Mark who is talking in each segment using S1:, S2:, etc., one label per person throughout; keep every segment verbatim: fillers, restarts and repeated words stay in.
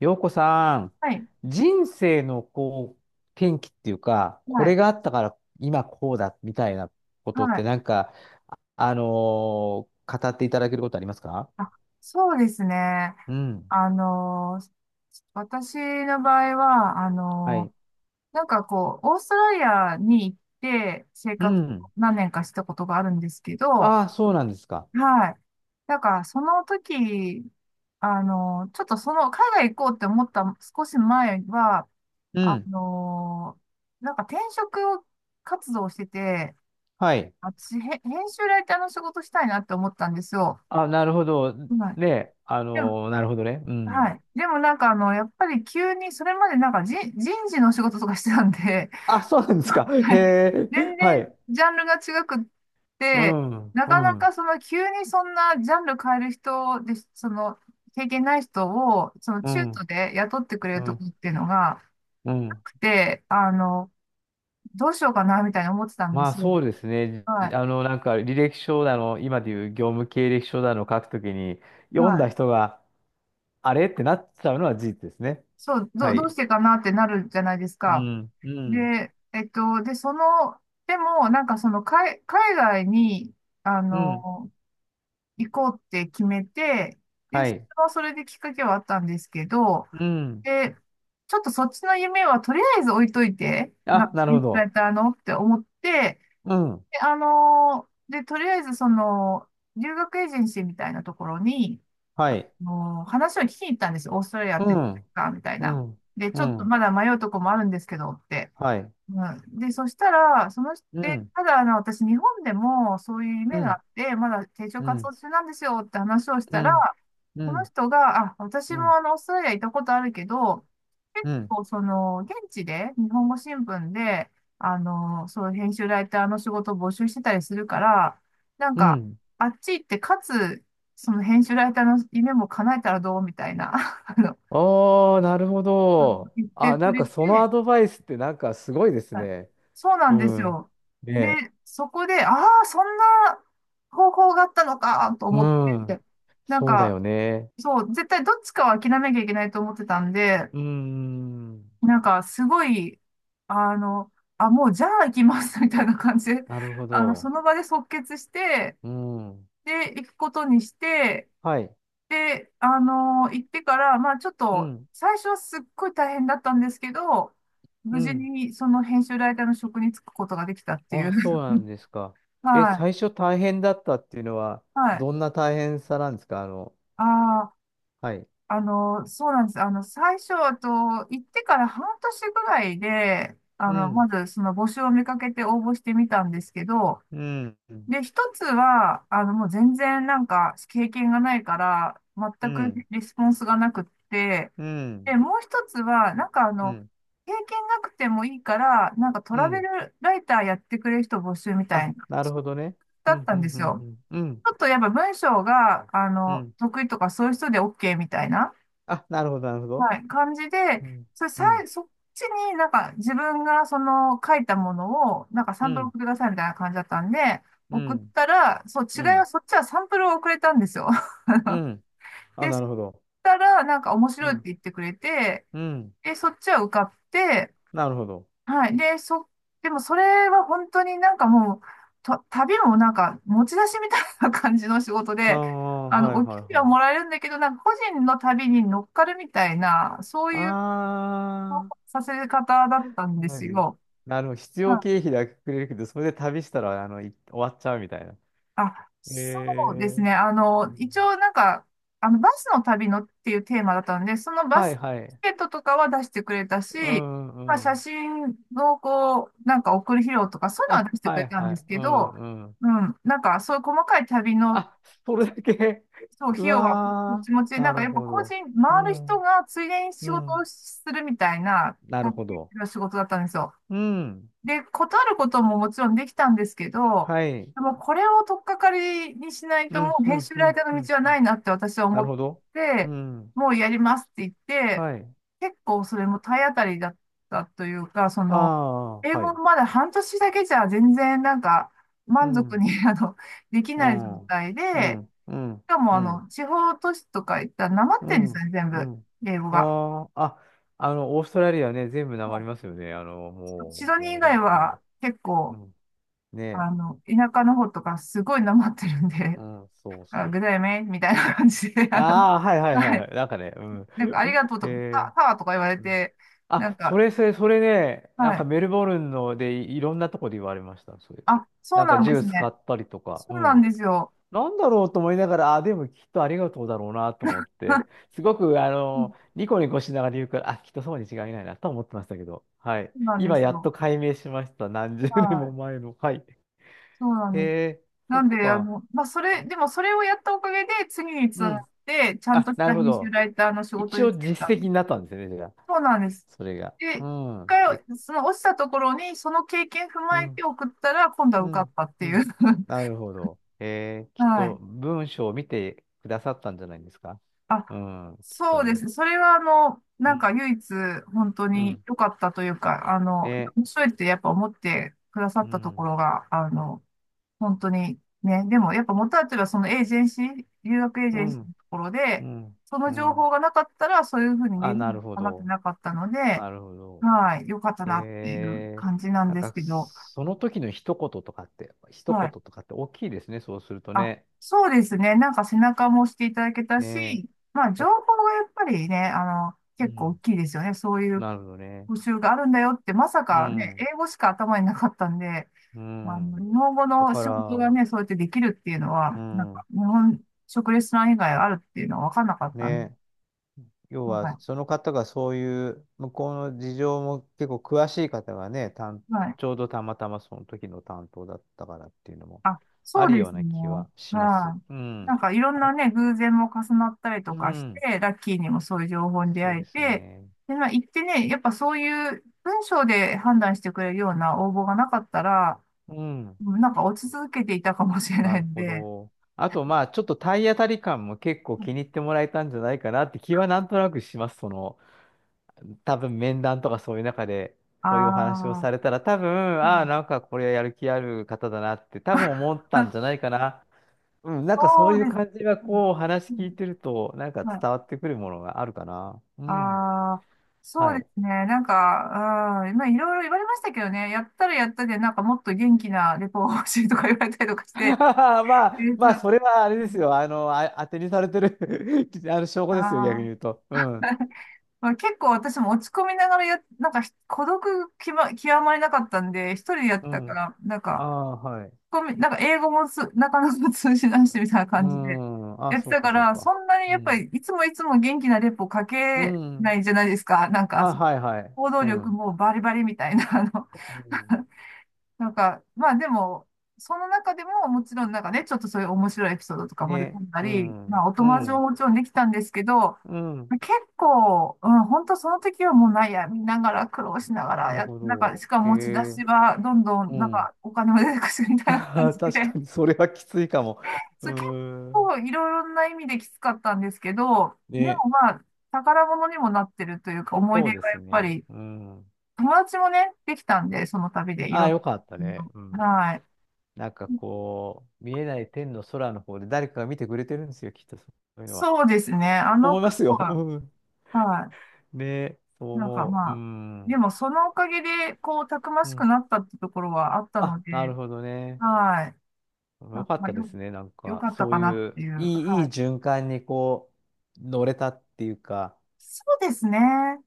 S1: 洋子さん、
S2: はい、
S1: 人生のこう、転機っていうか、
S2: は
S1: こ
S2: い、
S1: れがあったから今こうだみたいなことっ
S2: は
S1: て
S2: い。
S1: なんか、あのー語っていただけることありますか？
S2: あ、そうですね。
S1: うん。
S2: あのー、私の場合は、あ
S1: は
S2: の
S1: い。
S2: ー、なんかこう、オーストラリアに行って生
S1: う
S2: 活
S1: ん。
S2: 何年かしたことがあるんですけど、
S1: ああ、そうなんですか。
S2: はい。なんか、その時、あのー、ちょっとその、海外行こうって思った少し前は、
S1: う
S2: あ
S1: ん。
S2: のー、なんか転職活動をしてて、
S1: はい。
S2: 私、へ編集ライターの仕事したいなって思ったんですよ。
S1: あ、なるほど。
S2: はい。
S1: ね、あのーなるほどね。う
S2: は
S1: ん。
S2: い。でもなんかあの、やっぱり急に、それまでなんかじ人事の仕事とかしてたんで、
S1: あ、そうなんです
S2: は
S1: か。へ
S2: い。
S1: え。
S2: 全
S1: は
S2: 然
S1: い。
S2: ジャンルが違くっ
S1: う
S2: て、
S1: ん。
S2: な
S1: う
S2: かなか
S1: ん。
S2: その急にそんなジャンル変える人で、その経験ない人を、その
S1: う
S2: 中途
S1: ん。
S2: で雇ってくれ
S1: う
S2: るとこ
S1: ん。
S2: っていうのが
S1: う
S2: な
S1: ん。
S2: くて、あの、どうしようかなみたいに思ってたんで
S1: まあ
S2: すよ。
S1: そうですね。じ
S2: は
S1: あの、なんか履歴書だの、今でいう業務経歴書だの書くときに、
S2: い。
S1: 読ん
S2: は
S1: だ
S2: い。
S1: 人が、あれってなっちゃうのは事実ですね。
S2: そう、
S1: は
S2: ど、どう
S1: い。
S2: してかなってなるじゃないです
S1: う
S2: か。
S1: ん、うん、
S2: で、えっと、で、その、でも、なんかその、海、海外に、あ
S1: うん、
S2: の、行こうって決めて、で、
S1: は
S2: そ
S1: い。
S2: れはそれできっかけはあったんですけど、
S1: うん。
S2: で、ちょっとそっちの夢はとりあえず置いといて、な、
S1: あ、なるほ
S2: いつだ
S1: ど。
S2: ったらのって思って、
S1: うん、
S2: で、あの、で、とりあえずその、留学エージェンシーみたいなところに、
S1: はい。
S2: もう話を聞きに行ったんですよ。オーストラリア
S1: う
S2: ってどうで
S1: ん、
S2: すかみたい
S1: う
S2: な。
S1: ん、
S2: で、
S1: う
S2: ちょっと
S1: ん、
S2: まだ迷うとこもあるんですけどって。
S1: はい。
S2: うん、で、そしたら、その人、
S1: う
S2: で、
S1: ん、
S2: ただ、あの、私、日本でもそういう
S1: う
S2: 夢があ
S1: ん、
S2: って、まだ定常
S1: う
S2: 活動
S1: ん、
S2: 中なんですよって話をし
S1: う
S2: たら、
S1: ん、う
S2: その
S1: ん、
S2: 人が、あ、私
S1: う
S2: も
S1: ん、
S2: あの、オーストラリア行ったことあるけど、結
S1: うん、
S2: 構、その、現地で、日本語新聞で、あの、そう、編集ライターの仕事を募集してたりするから、なん
S1: う
S2: か、
S1: ん。
S2: あっち行って、かつ、その編集ライターの夢も叶えたらどうみたいな、あの、
S1: ああ、なるほ
S2: うん
S1: ど。
S2: 言って
S1: あ、
S2: く
S1: なん
S2: れ
S1: かその
S2: て、
S1: アドバイスってなんかすごいです
S2: はい、
S1: ね。
S2: そうな
S1: う
S2: んです
S1: ん。
S2: よ。
S1: ね
S2: で、
S1: え。
S2: そこで、ああ、そんな方法があったのかと
S1: う
S2: 思っ
S1: ん。
S2: て、なん
S1: そうだ
S2: か、
S1: よね。
S2: そう、絶対どっちかは諦めなきゃいけないと思ってたんで、
S1: うーん。
S2: なんか、すごい、あの、あ、もうじゃあ行きます みたいな感じで、
S1: なるほ
S2: あの、そ
S1: ど。
S2: の場で即決して、
S1: うん。
S2: で、行くことにして、
S1: はい。
S2: で、あの、行ってから、まあちょっ
S1: う
S2: と、
S1: ん。
S2: 最初はすっごい大変だったんですけど、
S1: う
S2: 無事
S1: ん。
S2: にその編集ライターの職に就くことができたってい
S1: あ、そ
S2: う。
S1: うなんですか。
S2: は
S1: え、最
S2: い、
S1: 初大変だったっていうのは、
S2: はい。
S1: どんな大変さなんですか？あの、
S2: あ
S1: はい。
S2: あ、あの、そうなんです。あの、最初、あと、行ってから半年ぐらいで、あ
S1: う
S2: の、ま
S1: ん。
S2: ず、その募集を見かけて応募してみたんですけど、
S1: うん。うん。
S2: で、一つは、あの、もう全然なんか、経験がないから、
S1: う
S2: 全く
S1: ん。
S2: リスポンスがなくって、で、もう一つは、なんかあ
S1: う
S2: の、
S1: ん。
S2: 経験なくてもいいから、なんかト
S1: う
S2: ラベ
S1: ん。
S2: ルライターやってくれる人募集みた
S1: あ、
S2: いな、
S1: なるほどね。
S2: だ
S1: う
S2: っ
S1: ん。
S2: た
S1: う
S2: んで
S1: ん。う
S2: すよ。
S1: ん。うん。
S2: ょっとやっぱ文章が、あ
S1: う
S2: の、
S1: ん。
S2: 得意とかそういう人で オーケー みたいな、
S1: あ、なるほど、なるほど。
S2: はい、感じで、
S1: うん。
S2: それ
S1: う
S2: さ
S1: ん。
S2: い、そっちになんか自分がその書いたものを、なんかサ
S1: う
S2: ンプル
S1: ん。
S2: 送ってくださいみたいな感じだったんで、
S1: う
S2: 送っ
S1: ん。
S2: たら、そう、違い
S1: う
S2: は
S1: ん。
S2: そっちはサンプルを送れたんですよ。
S1: うん。あ、
S2: で、そ
S1: な
S2: し
S1: るほど。
S2: たら、なんか面
S1: う
S2: 白いって
S1: ん。
S2: 言ってくれて、
S1: うん。
S2: で、そっちは受かって、
S1: なるほど。
S2: はい。で、そ、でもそれは本当になんかもう、た旅もなんか持ち出しみたいな感じの仕事
S1: あ
S2: で、
S1: あ、
S2: あの、
S1: はい
S2: お給
S1: はい
S2: 料
S1: はい。
S2: もらえるんだけど、なんか個人の旅に乗っかるみたいな、そういう
S1: ああ、
S2: させ方だったんです
S1: 何
S2: よ。
S1: なるほど。必要経費だけくれるけど、それで旅したら、あの、い終わっちゃうみたいな。
S2: あ、
S1: え
S2: そうです
S1: え。
S2: ね。あの、
S1: う
S2: 一
S1: ん。
S2: 応なんか、あの、バスの旅のっていうテーマだったんで、そのバ
S1: はい
S2: ス
S1: は
S2: チ
S1: い。
S2: ケットとかは出してくれた
S1: う
S2: し、
S1: ん
S2: まあ、
S1: う
S2: 写
S1: ん。
S2: 真のこう、なんか送る費用とか、そういうの
S1: あ、
S2: は出してく
S1: は
S2: れ
S1: い
S2: たん
S1: は
S2: です
S1: い。
S2: け
S1: うん
S2: ど、
S1: うん。
S2: うん、なんかそういう細かい旅の、
S1: あ、それだけ
S2: そう、
S1: う
S2: 費用はこっ
S1: わ
S2: ち持ちで、
S1: ー、
S2: な
S1: な
S2: んか
S1: る
S2: やっぱ
S1: ほ
S2: 個人、
S1: ど。う
S2: 回る人
S1: ん、
S2: がついでに仕
S1: う
S2: 事を
S1: ん。
S2: するみたいな、
S1: なる
S2: タク
S1: ほ
S2: シ
S1: ど。
S2: ーの仕事だったんですよ。
S1: うん。
S2: で、断ることももちろんできたんですけど、
S1: はい。
S2: でもこれを取っかかりにしない
S1: う
S2: とも
S1: ん、
S2: う
S1: う
S2: 編
S1: ん、
S2: 集
S1: う
S2: ライタ
S1: ん、
S2: ー
S1: う
S2: の
S1: ん。
S2: 道は
S1: う
S2: な
S1: ん。
S2: いなって私は
S1: な
S2: 思
S1: る
S2: っ
S1: ほど。う
S2: て、
S1: ん。
S2: もうやりますって言って、
S1: はい。
S2: 結構それも体当たりだったというか、そ
S1: あ
S2: の、英
S1: あ、は
S2: 語
S1: い。
S2: まだ半年だけじゃ全然なんか
S1: う
S2: 満足
S1: ん。
S2: に あの、でき
S1: う
S2: ない状
S1: ん、
S2: 態
S1: う
S2: で、
S1: ん、うん、
S2: しかも
S1: う
S2: あの、
S1: ん、
S2: 地方都市とか行ったらなまっ
S1: う
S2: てんですよ
S1: ん、
S2: ね、全
S1: う
S2: 部、
S1: ん。
S2: 英語が。
S1: ああ、あ、あの、オーストラリアね、全部なま
S2: も
S1: りますよね。あの、
S2: うシ
S1: も
S2: ド
S1: う、
S2: ニー以
S1: もう
S2: 外
S1: 本当に。
S2: は結
S1: う
S2: 構、
S1: ん。ね
S2: あ
S1: え。
S2: の、田舎の方とかすごいなまってるんで、
S1: うん、そうそ
S2: あ、
S1: う。
S2: ぐだよねみたいな感じで、あの、
S1: ああ、はいはいは
S2: は
S1: いは
S2: い。
S1: い。なんかね、うん。
S2: なんか、ありがとう とか、
S1: え
S2: た、ワーとか言われ
S1: ー、うん。
S2: て、な
S1: あ、
S2: ん
S1: そ
S2: か、
S1: れ、それ、それね、な
S2: は
S1: んか
S2: い。
S1: メルボルンのでい、いろんなとこで言われました、そういえば。
S2: あ、そ
S1: な
S2: う
S1: ん
S2: な
S1: か
S2: ん
S1: ジ
S2: で
S1: ュー
S2: す
S1: ス買
S2: ね。
S1: ったりとか、う
S2: そうなん
S1: ん。
S2: ですよ。
S1: なんだろうと思いながら、あ、でもきっとありがとうだろうなと思って、すごく、あ
S2: うん、
S1: の、ニコニコしながら言うから、あ、きっとそうに違いないなと思ってましたけど、はい。
S2: そうなんで
S1: 今
S2: す
S1: やっ
S2: よ。
S1: と解明しました。何十
S2: は
S1: 年も
S2: い。
S1: 前の。はい。
S2: そうな
S1: へ
S2: んです。
S1: え、そ
S2: な
S1: っ
S2: んで、あ
S1: か。
S2: の、まあ、それ、でもそれをやったおかげで、次につ
S1: う
S2: ながっ
S1: ん。
S2: て、ちゃんと
S1: あ、
S2: し
S1: な
S2: た
S1: るほ
S2: 編集
S1: ど。
S2: ライターの仕事
S1: 一
S2: に
S1: 応
S2: 就けた
S1: 実績
S2: ん
S1: に
S2: です。
S1: なったんですよね、じゃあ。
S2: そうなんです。
S1: それが。
S2: で、
S1: う
S2: 一
S1: ん。で、
S2: 回、その落ちたところに、その経験踏
S1: う
S2: まえて
S1: ん、
S2: 送ったら、今度は
S1: う
S2: 受かっ
S1: ん、
S2: たって
S1: う
S2: い
S1: ん。
S2: う。
S1: なるほど。へえ、きっ
S2: は
S1: と
S2: い。
S1: 文章を見てくださったんじゃないですか。
S2: あ、
S1: うん、きっと
S2: そうで
S1: ね。
S2: す。それは、あの、
S1: う
S2: なん
S1: ん、
S2: か唯一、本当
S1: う
S2: に
S1: ん。
S2: 良かったというか、あの、
S1: ね。
S2: 面白いってやっぱ思ってくださ
S1: う
S2: ったとこ
S1: ん。
S2: ろが、あの、本当にね、でもやっぱ元はといえばそのエージェンシー、留学エージ
S1: う
S2: ェンシー
S1: ん。
S2: のところ
S1: う
S2: で、
S1: ん。
S2: そ
S1: う
S2: の情報
S1: ん。
S2: がなかったら、そういうふうに
S1: あ、
S2: レベル
S1: な
S2: に
S1: るほ
S2: まって
S1: ど。
S2: なかったの
S1: な
S2: で、
S1: るほど。
S2: はい、良かった
S1: へ
S2: なっていう
S1: え。
S2: 感じなん
S1: なん
S2: です
S1: か、
S2: けど、
S1: その時の一言とかって、一
S2: は
S1: 言
S2: い。
S1: とかって大きいですね。そうすると
S2: あ、
S1: ね。
S2: そうですね。なんか背中も押していただけた
S1: ねえ。
S2: し、まあ情
S1: だ
S2: 報がやっぱりね、あの、
S1: う
S2: 結構大
S1: ん。
S2: きいですよね。そういう
S1: なるほどね。
S2: 募集があるんだよって、まさ
S1: う
S2: かね、
S1: ん。
S2: 英語しか頭になかったんで、
S1: う
S2: まあの、
S1: ん。
S2: 日本語
S1: だ
S2: の
S1: か
S2: 仕事
S1: ら、
S2: がね、そうやってできるっていうの
S1: う
S2: は、なん
S1: ん。
S2: か日本食レストラン以外あるっていうのは分かんなかったんで、
S1: ね。要は、
S2: は
S1: その方がそういう、向こうの事情も結構詳しい方がね、担
S2: い。はい、
S1: ちょうどたまたまその時の担当だったからっていうのも
S2: あ、
S1: あ
S2: そう
S1: る
S2: で
S1: よう
S2: すね。
S1: な気はします。
S2: はい。
S1: うん。
S2: なんかいろん
S1: あ、
S2: なね、偶然も重なったりと
S1: う
S2: かし
S1: ん。
S2: て、ラッキーにもそういう情報に出
S1: そう
S2: 会え
S1: です
S2: て、
S1: ね。
S2: で、まあ行ってね、やっぱそういう文章で判断してくれるような応募がなかったら、
S1: うん。
S2: うん、なんか落ち続けていたかもしれ
S1: な
S2: ない
S1: る
S2: ん
S1: ほ
S2: で、
S1: ど。あと、まあ、ちょっと体当たり感も結構気に入ってもらえたんじゃないかなって気はなんとなくします。その、多分面談とかそういう中で、
S2: あ
S1: こういうお話を
S2: あ
S1: されたら、多分、
S2: ー、う
S1: ああ、
S2: ん
S1: なんかこれやる気ある方だなって、多分思ったんじゃ ないかな。うん、なんかそ
S2: そ
S1: う
S2: う
S1: いう
S2: です。
S1: 感じが
S2: うん、
S1: こう話
S2: う
S1: 聞いてる
S2: ん、
S1: と、なんか
S2: はい。
S1: 伝わってくるものがあるかな。うん。
S2: ああ、そ
S1: は
S2: うで
S1: い。
S2: すね。なんか、うん、まあ、いろいろ言われましたけどね、やったらやったで、なんかもっと元気なレポが欲しいとか言われたりとかし て、
S1: まあ、
S2: 憂鬱
S1: まあ、
S2: な、
S1: それはあれですよ。あの、あ、当てにされてる あの証拠
S2: あ
S1: ですよ、逆に言
S2: ー
S1: うと。うん。
S2: まあ、結構私も落ち込みながらや、なんかひ孤独きま、極まりなかったんで、一人でやっ
S1: う
S2: たか
S1: ん。
S2: ら、なん
S1: あ
S2: か、
S1: あ、はい。
S2: ごめんなんか英語もつなかなか通じないしみたいな
S1: う
S2: 感じで
S1: ん。あ、
S2: やって
S1: そう
S2: た
S1: か、
S2: か
S1: そう
S2: ら、そ
S1: か。
S2: んなに
S1: う
S2: やっぱ
S1: ん。
S2: りいつもいつも元気なレポか
S1: う
S2: けな
S1: ん。
S2: いじゃないですか。なんか、
S1: あ、はい、はい。
S2: 行動
S1: う
S2: 力
S1: ん。
S2: もバリバリみたいな、あの、
S1: うん。
S2: なんか、まあでも、その中でももちろんなんかね、ちょっとそういう面白いエピソードとか盛り込
S1: ね。
S2: んだ
S1: う
S2: り、まあ
S1: ん。
S2: お
S1: う
S2: 友達も
S1: ん。
S2: もちろんできたんですけど、
S1: うん。
S2: 結構、うん、本当その時はもう悩みながら苦労しなが
S1: な
S2: ら
S1: る
S2: や、
S1: ほ
S2: なんか、
S1: ど。
S2: しか
S1: へ
S2: も持ち出
S1: え。
S2: しはどんど
S1: う
S2: んなん
S1: ん。
S2: かお金も出てくるみた いな感じ
S1: 確か
S2: で、
S1: に、そ れはきついかも。
S2: そ
S1: う
S2: れ結
S1: ーん。
S2: 構いろいろな意味できつかったんですけど、で
S1: ね。
S2: もまあ、宝物にもなってるというか思い
S1: そう
S2: 出
S1: で
S2: がや
S1: す
S2: っぱ
S1: ね。
S2: り、
S1: うん。
S2: 友達もね、できたんで、その旅でい
S1: あ
S2: ろ
S1: あ、
S2: ん
S1: よかったね。うん。
S2: な、はい。
S1: なんかこう、見えない天の空の方で誰かが見てくれてるんですよ、きっとそういうのは。
S2: そうですね。あ
S1: 思
S2: の
S1: います
S2: 子
S1: よ。
S2: は、
S1: うん。
S2: は
S1: ねえ、そう
S2: い。なんか
S1: 思う。
S2: ま
S1: う
S2: あ、で
S1: ん。
S2: もそのおかげで、こう、たくま
S1: う
S2: しく
S1: ん。
S2: なったってところはあったの
S1: あ、
S2: で、
S1: なるほどね。
S2: はい。な
S1: よ
S2: んか
S1: かっ
S2: まあ、
S1: たで
S2: よ、
S1: すね。なん
S2: よ
S1: か、
S2: かった
S1: そう
S2: かなっ
S1: い
S2: て
S1: う、
S2: いう。
S1: いい、いい
S2: はい。
S1: 循環にこう、乗れたっていうか、
S2: そうですね。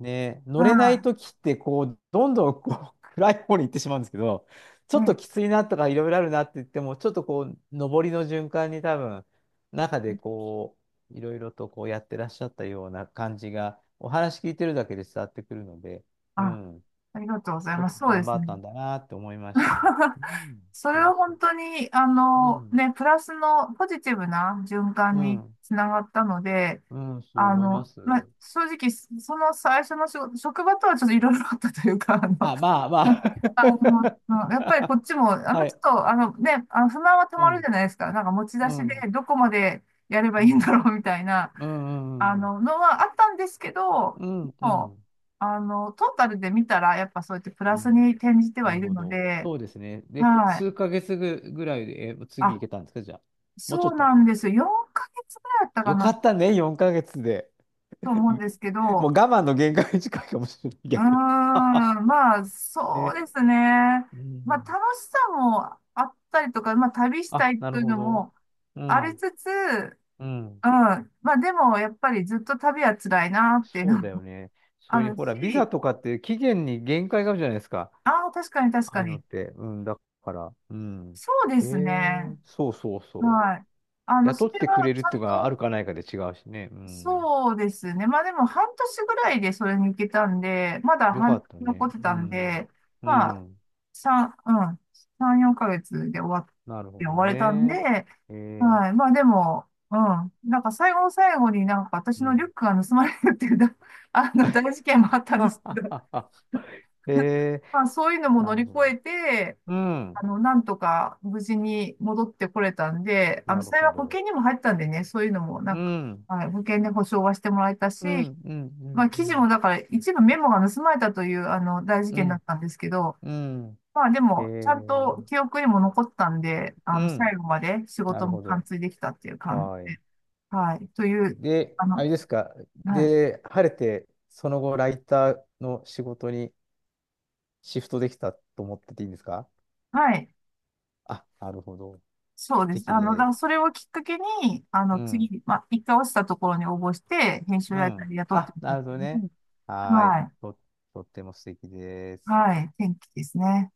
S1: ね、乗れない
S2: は
S1: ときって、こう、どんどんこう 暗い方に行ってしまうんですけど、ち
S2: い。
S1: ょっ
S2: え、
S1: ときついなとかいろいろあるなって言っても、ちょっとこう、上りの循環に多分、中でこう、いろいろとこうやってらっしゃったような感じが、お話聞いてるだけで伝わってくるので、う
S2: あ、
S1: ん、
S2: ありがとうござ
S1: す
S2: い
S1: ご
S2: ま
S1: く
S2: す。そうで
S1: 頑張
S2: す
S1: っ
S2: ね。
S1: たんだなって思いました。う ん、
S2: それ
S1: そう
S2: は
S1: そう。
S2: 本当に、あ
S1: う
S2: の、
S1: ん、
S2: ね、プラスのポジティブな循環
S1: う
S2: に
S1: ん、
S2: つながったので、
S1: うん、そう
S2: あ
S1: 思いま
S2: の、
S1: す。
S2: まあ、正直、その最初の仕事職場とはちょっといろいろあったというか、あの、
S1: あ、まあま
S2: あの、やっぱりこ
S1: あ。
S2: っちも、あの、
S1: は
S2: ちょっ
S1: い。
S2: と、あのね、あの不満はた
S1: う
S2: まるじ
S1: ん、
S2: ゃないですか。なんか持ち出
S1: う
S2: し
S1: ん、
S2: でどこまでやれば
S1: う
S2: いいんだ
S1: ん。
S2: ろうみたいな、
S1: うんう
S2: あ
S1: んうん。
S2: の、のはあったんですけど、
S1: うんう
S2: もう、
S1: ん
S2: あの、トータルで見たら、やっぱそうやってプ
S1: う
S2: ラス
S1: ん。
S2: に転じては
S1: な
S2: い
S1: る
S2: る
S1: ほ
S2: の
S1: ど。
S2: で、
S1: そうですね。
S2: は
S1: で、
S2: い。
S1: 数ヶ月ぐ、ぐらいで、え、次行
S2: あ、
S1: けたんですか、じゃあ。もうちょ
S2: そ
S1: っ
S2: う
S1: と。
S2: なんですよ。よんかげつぐらいだったか
S1: よか
S2: な
S1: ったね、よんかげつで。
S2: と思う
S1: う
S2: ん
S1: ん。
S2: ですけ
S1: もう
S2: ど、
S1: 我慢の限界に近いかもしれない、
S2: うー
S1: 逆に。
S2: ん、まあ、そう
S1: ね。
S2: ですね。
S1: う
S2: まあ、楽
S1: ん。
S2: しさもあったりとか、まあ、旅した
S1: あ、
S2: い
S1: な
S2: と
S1: る
S2: いう
S1: ほ
S2: の
S1: ど。
S2: も、
S1: う
S2: あり
S1: ん。
S2: つつ、うん。
S1: うん。
S2: まあでも、やっぱりずっと旅は辛いなっていう
S1: そ
S2: の
S1: うだ
S2: も
S1: よね。そ
S2: あ
S1: れに、
S2: る
S1: ほら、ビザ
S2: し、
S1: とかって期限に限界があるじゃないですか。
S2: ああ、確かに確
S1: ああ
S2: か
S1: いうのっ
S2: に。
S1: て。うん、だから。うん。
S2: そうで
S1: え
S2: す
S1: え。
S2: ね。
S1: そうそうそ
S2: はい。あ
S1: う。
S2: の、そ
S1: 雇っ
S2: れ
S1: てく
S2: は
S1: れる
S2: ち
S1: っ
S2: ゃ
S1: て
S2: ん
S1: いうのがある
S2: と、
S1: かないかで違うしね。うん。
S2: そうですね。まあでも、半年ぐらいでそれに行けたんで、まだ
S1: よか
S2: 半年
S1: った
S2: 残っ
S1: ね。
S2: て
S1: う
S2: たん
S1: ん。
S2: で、
S1: う
S2: ま
S1: ん。
S2: 三うん、さん、よんかげつで終わっ
S1: なるほ
S2: て、終
S1: ど
S2: われたんで、
S1: ね。えー、
S2: はい。まあでも、うん。なんか最後の最後になんか私
S1: う
S2: のリュ
S1: ん。
S2: ックが盗まれるっていうだ、あの、大事件もあっ たんです
S1: は
S2: け
S1: は
S2: ど、
S1: はは。えー、
S2: まあそういうのも乗
S1: なる
S2: り越
S1: ほど。
S2: えて、
S1: う
S2: あ
S1: ん。
S2: の、なんとか無事に戻ってこれたんで、あの、
S1: なる
S2: 幸
S1: ほ
S2: い保
S1: ど。
S2: 険にも入ったんでね、そういうのもな
S1: う
S2: んか、
S1: ん。
S2: はい、保険で保証はしてもらえたし、
S1: うん。うん。う
S2: ま
S1: ん。
S2: あ
S1: う
S2: 記事
S1: ん。
S2: もだから一部メモが盗まれたという、あの、大事
S1: う
S2: 件だ
S1: ん。
S2: ったんですけど、
S1: うん。
S2: まあで
S1: え
S2: も、ちゃん
S1: ー、
S2: と記憶にも残ったんで、あ
S1: う
S2: の、
S1: ん。
S2: 最後まで仕
S1: な
S2: 事
S1: る
S2: も
S1: ほ
S2: 完
S1: ど。
S2: 遂できたっていう感
S1: は
S2: じ
S1: い。
S2: で、はい、という、
S1: で、
S2: あ
S1: あ
S2: の、
S1: れですか。
S2: はい、
S1: で、晴れて、その後、ライターの仕事にシフトできたと思ってていいんですか？
S2: はい、
S1: あ、なるほど。
S2: そう
S1: 素
S2: です。
S1: 敵
S2: あの、だか
S1: です。
S2: らそれをきっかけに、あ
S1: う
S2: の、
S1: ん。
S2: 次、まあ、一回落ちたところに応募して、編集
S1: う
S2: ライター
S1: ん。
S2: で雇って
S1: あ、
S2: もら
S1: な
S2: っ
S1: るほど
S2: た
S1: ね。
S2: ので、
S1: はーい。
S2: はい、
S1: と、とっても素敵です。
S2: はい、転機ですね。